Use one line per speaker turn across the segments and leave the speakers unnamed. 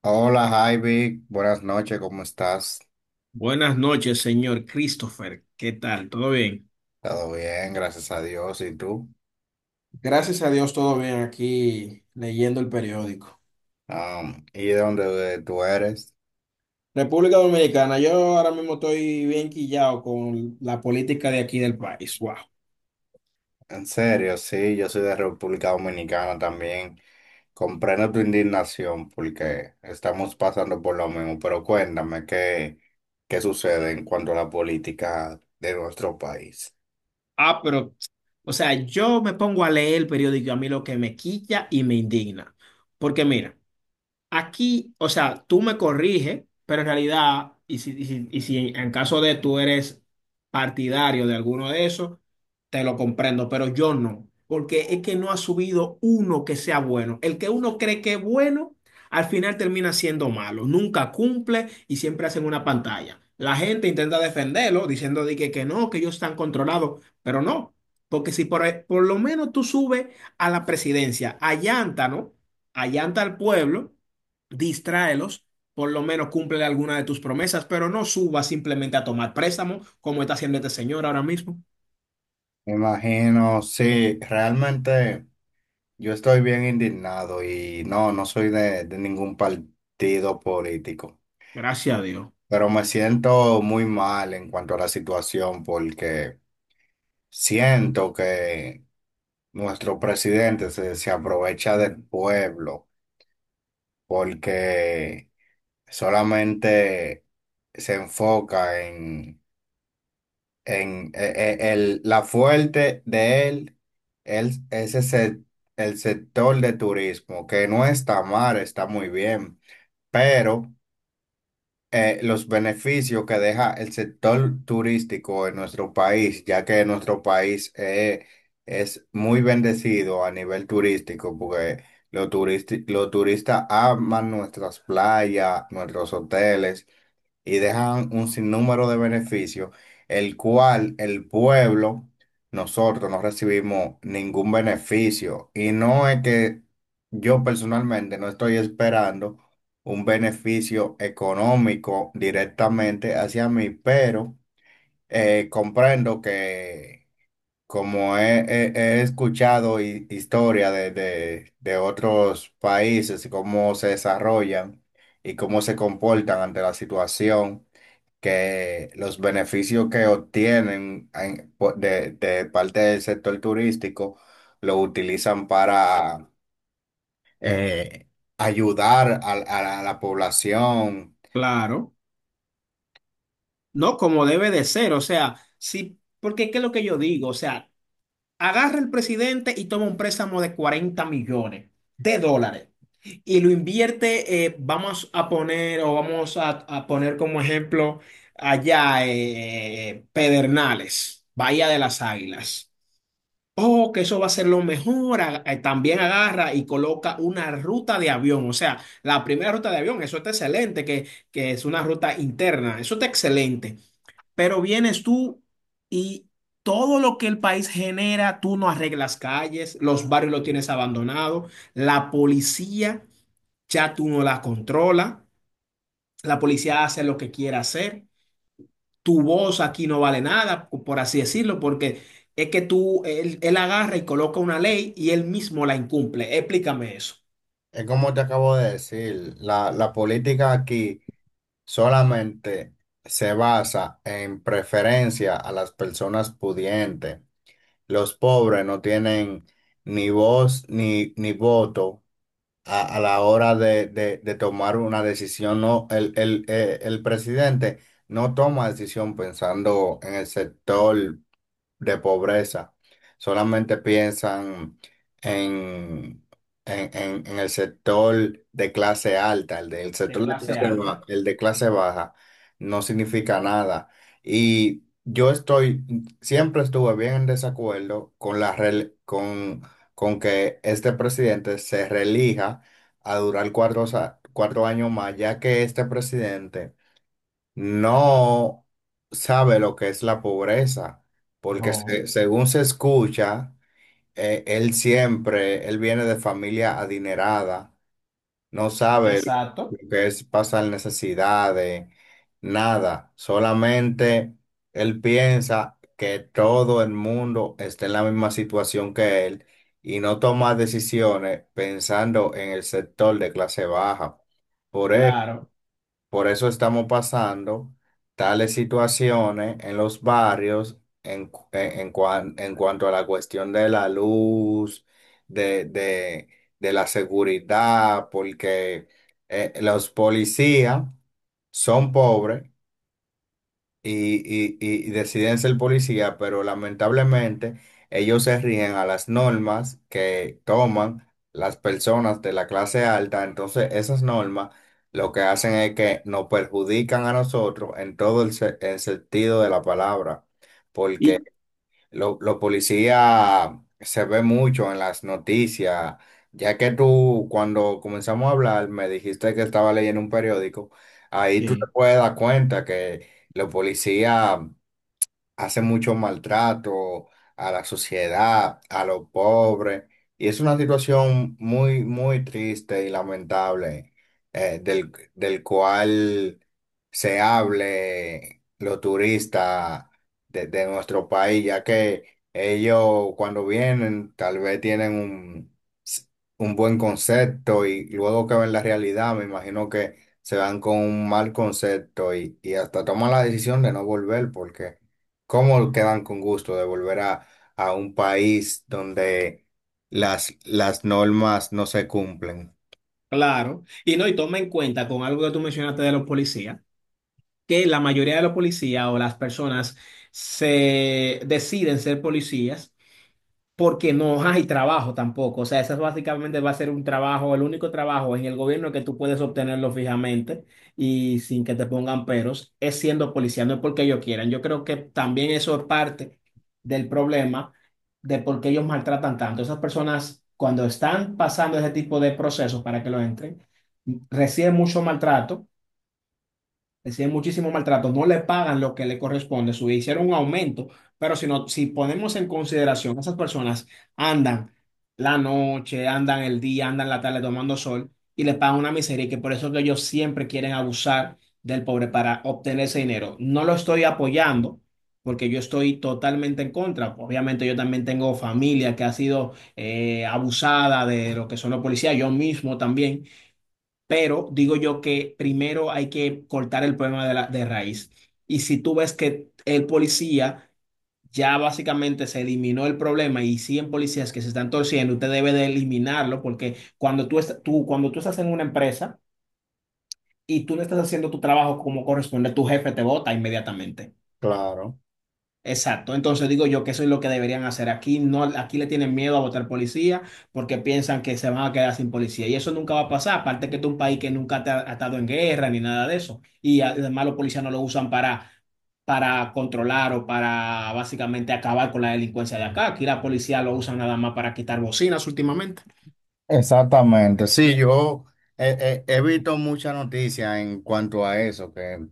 Hola Javi, buenas noches, ¿cómo estás?
Buenas noches, señor Christopher. ¿Qué tal? ¿Todo bien?
Todo bien, gracias a Dios. ¿Y tú?
Gracias a Dios, todo bien aquí leyendo el periódico.
¿Y de dónde tú eres?
República Dominicana, yo ahora mismo estoy bien quillado con la política de aquí del país. Wow.
En serio, sí, yo soy de República Dominicana también. Comprendo tu indignación porque estamos pasando por lo mismo, pero cuéntame qué sucede en cuanto a la política de nuestro país.
Ah, pero, o sea, yo me pongo a leer el periódico y a mí lo que me quilla y me indigna. Porque mira, aquí, o sea, tú me corriges, pero en realidad, y si en caso de tú eres partidario de alguno de esos, te lo comprendo, pero yo no, porque es que no ha subido uno que sea bueno. El que uno cree que es bueno, al final termina siendo malo, nunca cumple y siempre hacen una pantalla. La gente intenta defenderlo diciendo de que no, que ellos están controlados, pero no, porque si por lo menos tú subes a la presidencia, allanta, ¿no? Allanta al pueblo, distráelos, por lo menos cumple alguna de tus promesas, pero no subas simplemente a tomar préstamo, como está haciendo este señor ahora mismo.
Me imagino, sí, realmente yo estoy bien indignado y no, no soy de ningún partido político.
Gracias a Dios.
Pero me siento muy mal en cuanto a la situación porque siento que nuestro presidente se aprovecha del pueblo porque solamente se enfoca en la fuerte de él, él es ese- el sector de turismo, que no está mal, está muy bien, pero los beneficios que deja el sector turístico en nuestro país, ya que nuestro país es muy bendecido a nivel turístico, porque los turistas aman nuestras playas, nuestros hoteles y dejan un sinnúmero de beneficios, el cual el pueblo, nosotros no recibimos ningún beneficio. Y no es que yo personalmente no estoy esperando un beneficio económico directamente hacia mí, pero comprendo que como he escuchado historia de otros países y cómo se desarrollan y cómo se comportan ante la situación, que los beneficios que obtienen de parte del sector turístico lo utilizan para eh, ayudar a la a la población.
Claro. No como debe de ser, o sea, sí, porque ¿qué es lo que yo digo? O sea, agarra el presidente y toma un préstamo de 40 millones de dólares y lo invierte, vamos a poner o vamos a poner como ejemplo allá Pedernales, Bahía de las Águilas. Oh, que eso va a ser lo mejor. También agarra y coloca una ruta de avión. O sea, la primera ruta de avión, eso está excelente, que es una ruta interna. Eso está excelente. Pero vienes tú y todo lo que el país genera, tú no arreglas calles, los barrios lo tienes abandonado, la policía ya tú no la controla, la policía hace lo que quiera hacer, tu voz aquí no vale nada, por así decirlo, porque es que él agarra y coloca una ley y él mismo la incumple. Explícame eso.
Es como te acabo de decir, la política aquí solamente se basa en preferencia a las personas pudientes. Los pobres no tienen ni voz ni voto a la hora de tomar una decisión. No, el presidente no toma decisión pensando en el sector de pobreza. Solamente piensan en, en el sector de clase alta, el del
De
sector de
clase
clase baja,
alta.
el de clase baja no significa nada. Y yo estoy, Siempre estuve bien en desacuerdo con con que este presidente se reelija a durar cuatro años más, ya que este presidente no sabe lo que es la pobreza, porque
No.
según se escucha, él viene de familia adinerada, no sabe lo
Exacto,
que es pasar necesidades, nada, solamente él piensa que todo el mundo está en la misma situación que él y no toma decisiones pensando en el sector de clase baja. Por eso,
claro.
por eso estamos pasando tales situaciones en los barrios en, cu- en cuan- en cuanto a la cuestión de la luz, de, de- de la seguridad, porque los policías son pobres y deciden ser policía, pero lamentablemente ellos se rigen a las normas que toman las personas de la clase alta. Entonces, esas normas lo que hacen es que nos perjudican a nosotros en todo el sentido de la palabra, porque
Y
lo Los policías se ve mucho en las noticias, ya que tú cuando comenzamos a hablar me dijiste que estaba leyendo un periódico, ahí tú te
sí.
puedes dar cuenta que los policías hace mucho maltrato a la sociedad, a los pobres, y es una situación muy, muy triste y lamentable, del cual se hable los turistas de nuestro país, ya que ellos cuando vienen tal vez tienen un buen concepto y luego que ven la realidad, me imagino que se van con un mal concepto y hasta toman la decisión de no volver porque ¿cómo quedan con gusto de volver a un país donde las normas no se cumplen?
Claro, y no, y toma en cuenta con algo que tú mencionaste de los policías, que la mayoría de los policías o las personas se deciden ser policías porque no hay trabajo tampoco. O sea, ese es básicamente va a ser un trabajo, el único trabajo en el gobierno que tú puedes obtenerlo fijamente y sin que te pongan peros, es siendo policía, no es porque ellos quieran. Yo creo que también eso es parte del problema de por qué ellos maltratan tanto. Esas personas, cuando están pasando ese tipo de procesos para que lo entren, reciben mucho maltrato, reciben muchísimo maltrato, no le pagan lo que le corresponde, su hicieron un aumento, pero si, no, si ponemos en consideración, esas personas andan la noche, andan el día, andan la tarde tomando sol y le pagan una miseria y que por eso que ellos siempre quieren abusar del pobre para obtener ese dinero. No lo estoy apoyando, porque yo estoy totalmente en contra. Obviamente yo también tengo familia que ha sido abusada de lo que son los policías, yo mismo también. Pero digo yo que primero hay que cortar el problema de raíz. Y si tú ves que el policía ya básicamente se eliminó el problema y 100 policías que se están torciendo, usted debe de eliminarlo porque cuando tú estás en una empresa y tú no estás haciendo tu trabajo como corresponde, tu jefe te bota inmediatamente.
Claro.
Exacto, entonces digo yo que eso es lo que deberían hacer aquí. No, aquí le tienen miedo a votar policía porque piensan que se van a quedar sin policía y eso nunca va a pasar. Aparte que este es un país que nunca te ha estado en guerra ni nada de eso y además los policías no lo usan para controlar o para básicamente acabar con la delincuencia de acá. Aquí la policía lo usan nada más para quitar bocinas últimamente.
Exactamente. Sí, yo he visto mucha noticia en cuanto a eso, que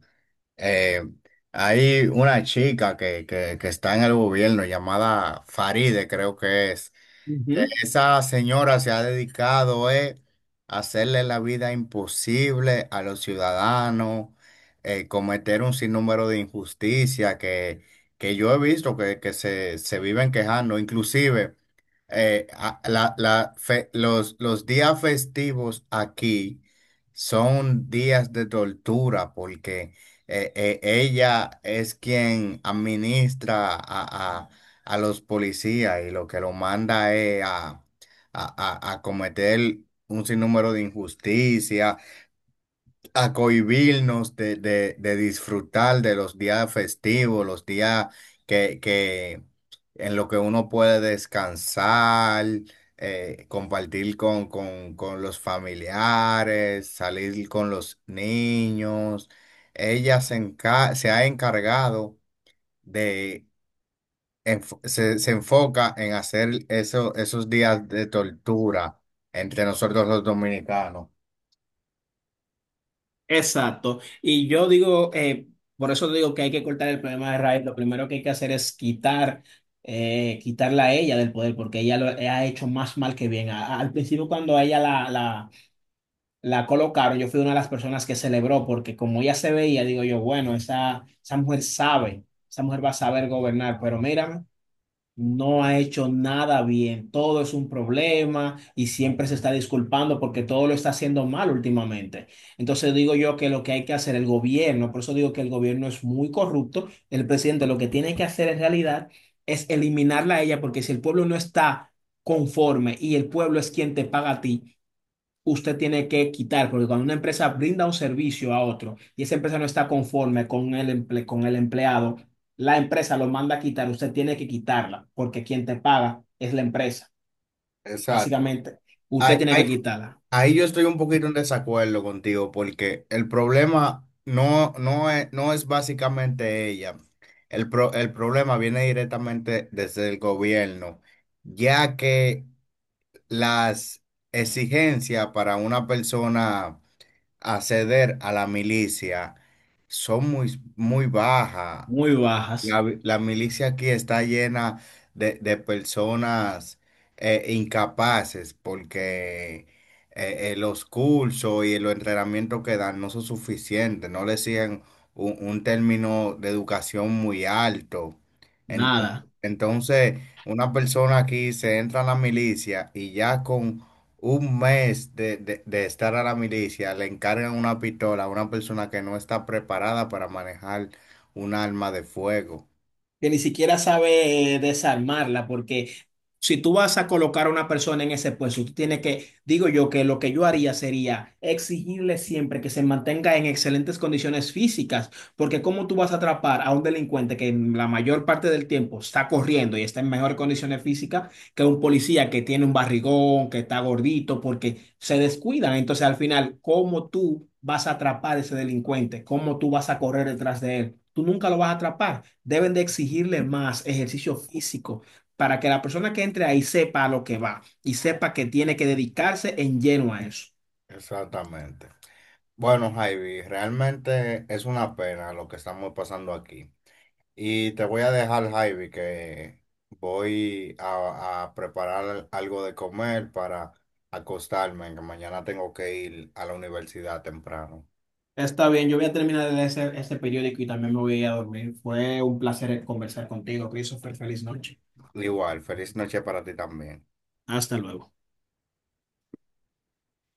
eh, hay una chica que está en el gobierno llamada Faride, creo que es.
Ujú.
Esa señora se ha dedicado a hacerle la vida imposible a los ciudadanos, cometer un sinnúmero de injusticias que yo he visto se viven quejando. Inclusive, los días festivos aquí son días de tortura porque ella es quien administra a los policías y lo que los manda es a cometer un sinnúmero de injusticia, a cohibirnos de disfrutar de los días festivos, los días que en lo que uno puede descansar, compartir con los familiares, salir con los niños. Se ha encargado de se enfoca en hacer eso, esos días de tortura entre nosotros los dominicanos.
Exacto. Y yo digo, por eso digo que hay que cortar el problema de raíz. Lo primero que hay que hacer es quitarla a ella del poder, porque ella lo ha hecho más mal que bien. Al principio, cuando a ella la colocaron, yo fui una de las personas que celebró, porque como ella se veía, digo yo, bueno, esa mujer sabe, esa mujer va a saber gobernar, pero mira, no ha hecho nada bien, todo es un problema y siempre se está disculpando porque todo lo está haciendo mal últimamente. Entonces digo yo que lo que hay que hacer el gobierno, por eso digo que el gobierno es muy corrupto, el presidente lo que tiene que hacer en realidad es eliminarla a ella porque si el pueblo no está conforme y el pueblo es quien te paga a ti, usted tiene que quitar, porque cuando una empresa brinda un servicio a otro y esa empresa no está conforme con con el empleado, la empresa lo manda a quitar, usted tiene que quitarla, porque quien te paga es la empresa.
Exacto.
Básicamente, usted
Ahí,
tiene que
ahí-
quitarla.
Ahí yo estoy un poquito en desacuerdo contigo porque el problema no es básicamente ella. El problema viene directamente desde el gobierno, ya que las exigencias para una persona acceder a la milicia son muy, muy bajas.
Muy bajas,
La milicia aquí está llena de personas incapaces porque los cursos y los entrenamientos que dan no son suficientes, no le siguen un término de educación muy alto. En-
nada.
Entonces, una persona aquí se entra a la milicia y ya con un mes de de estar a la milicia le encargan una pistola a una persona que no está preparada para manejar un arma de fuego.
Que ni siquiera sabe desarmarla, porque si tú vas a colocar a una persona en ese puesto, tú tienes que, digo yo, que lo que yo haría sería exigirle siempre que se mantenga en excelentes condiciones físicas, porque ¿cómo tú vas a atrapar a un delincuente que en la mayor parte del tiempo está corriendo y está en mejores condiciones físicas que un policía que tiene un barrigón, que está gordito, porque se descuidan? Entonces, al final, ¿cómo tú vas a atrapar ese delincuente? ¿Cómo tú vas a correr detrás de él? Tú nunca lo vas a atrapar. Deben de exigirle más ejercicio físico para que la persona que entre ahí sepa a lo que va y sepa que tiene que dedicarse en lleno a eso.
Exactamente. Bueno, Javi, realmente es una pena lo que estamos pasando aquí. Y te voy a dejar, Javi, que voy a preparar algo de comer para acostarme, que mañana tengo que ir a la universidad temprano.
Está bien, yo voy a terminar de leer este periódico y también me voy a ir a dormir. Fue un placer conversar contigo, Christopher. Feliz noche.
Igual, feliz noche para ti también.
Hasta luego.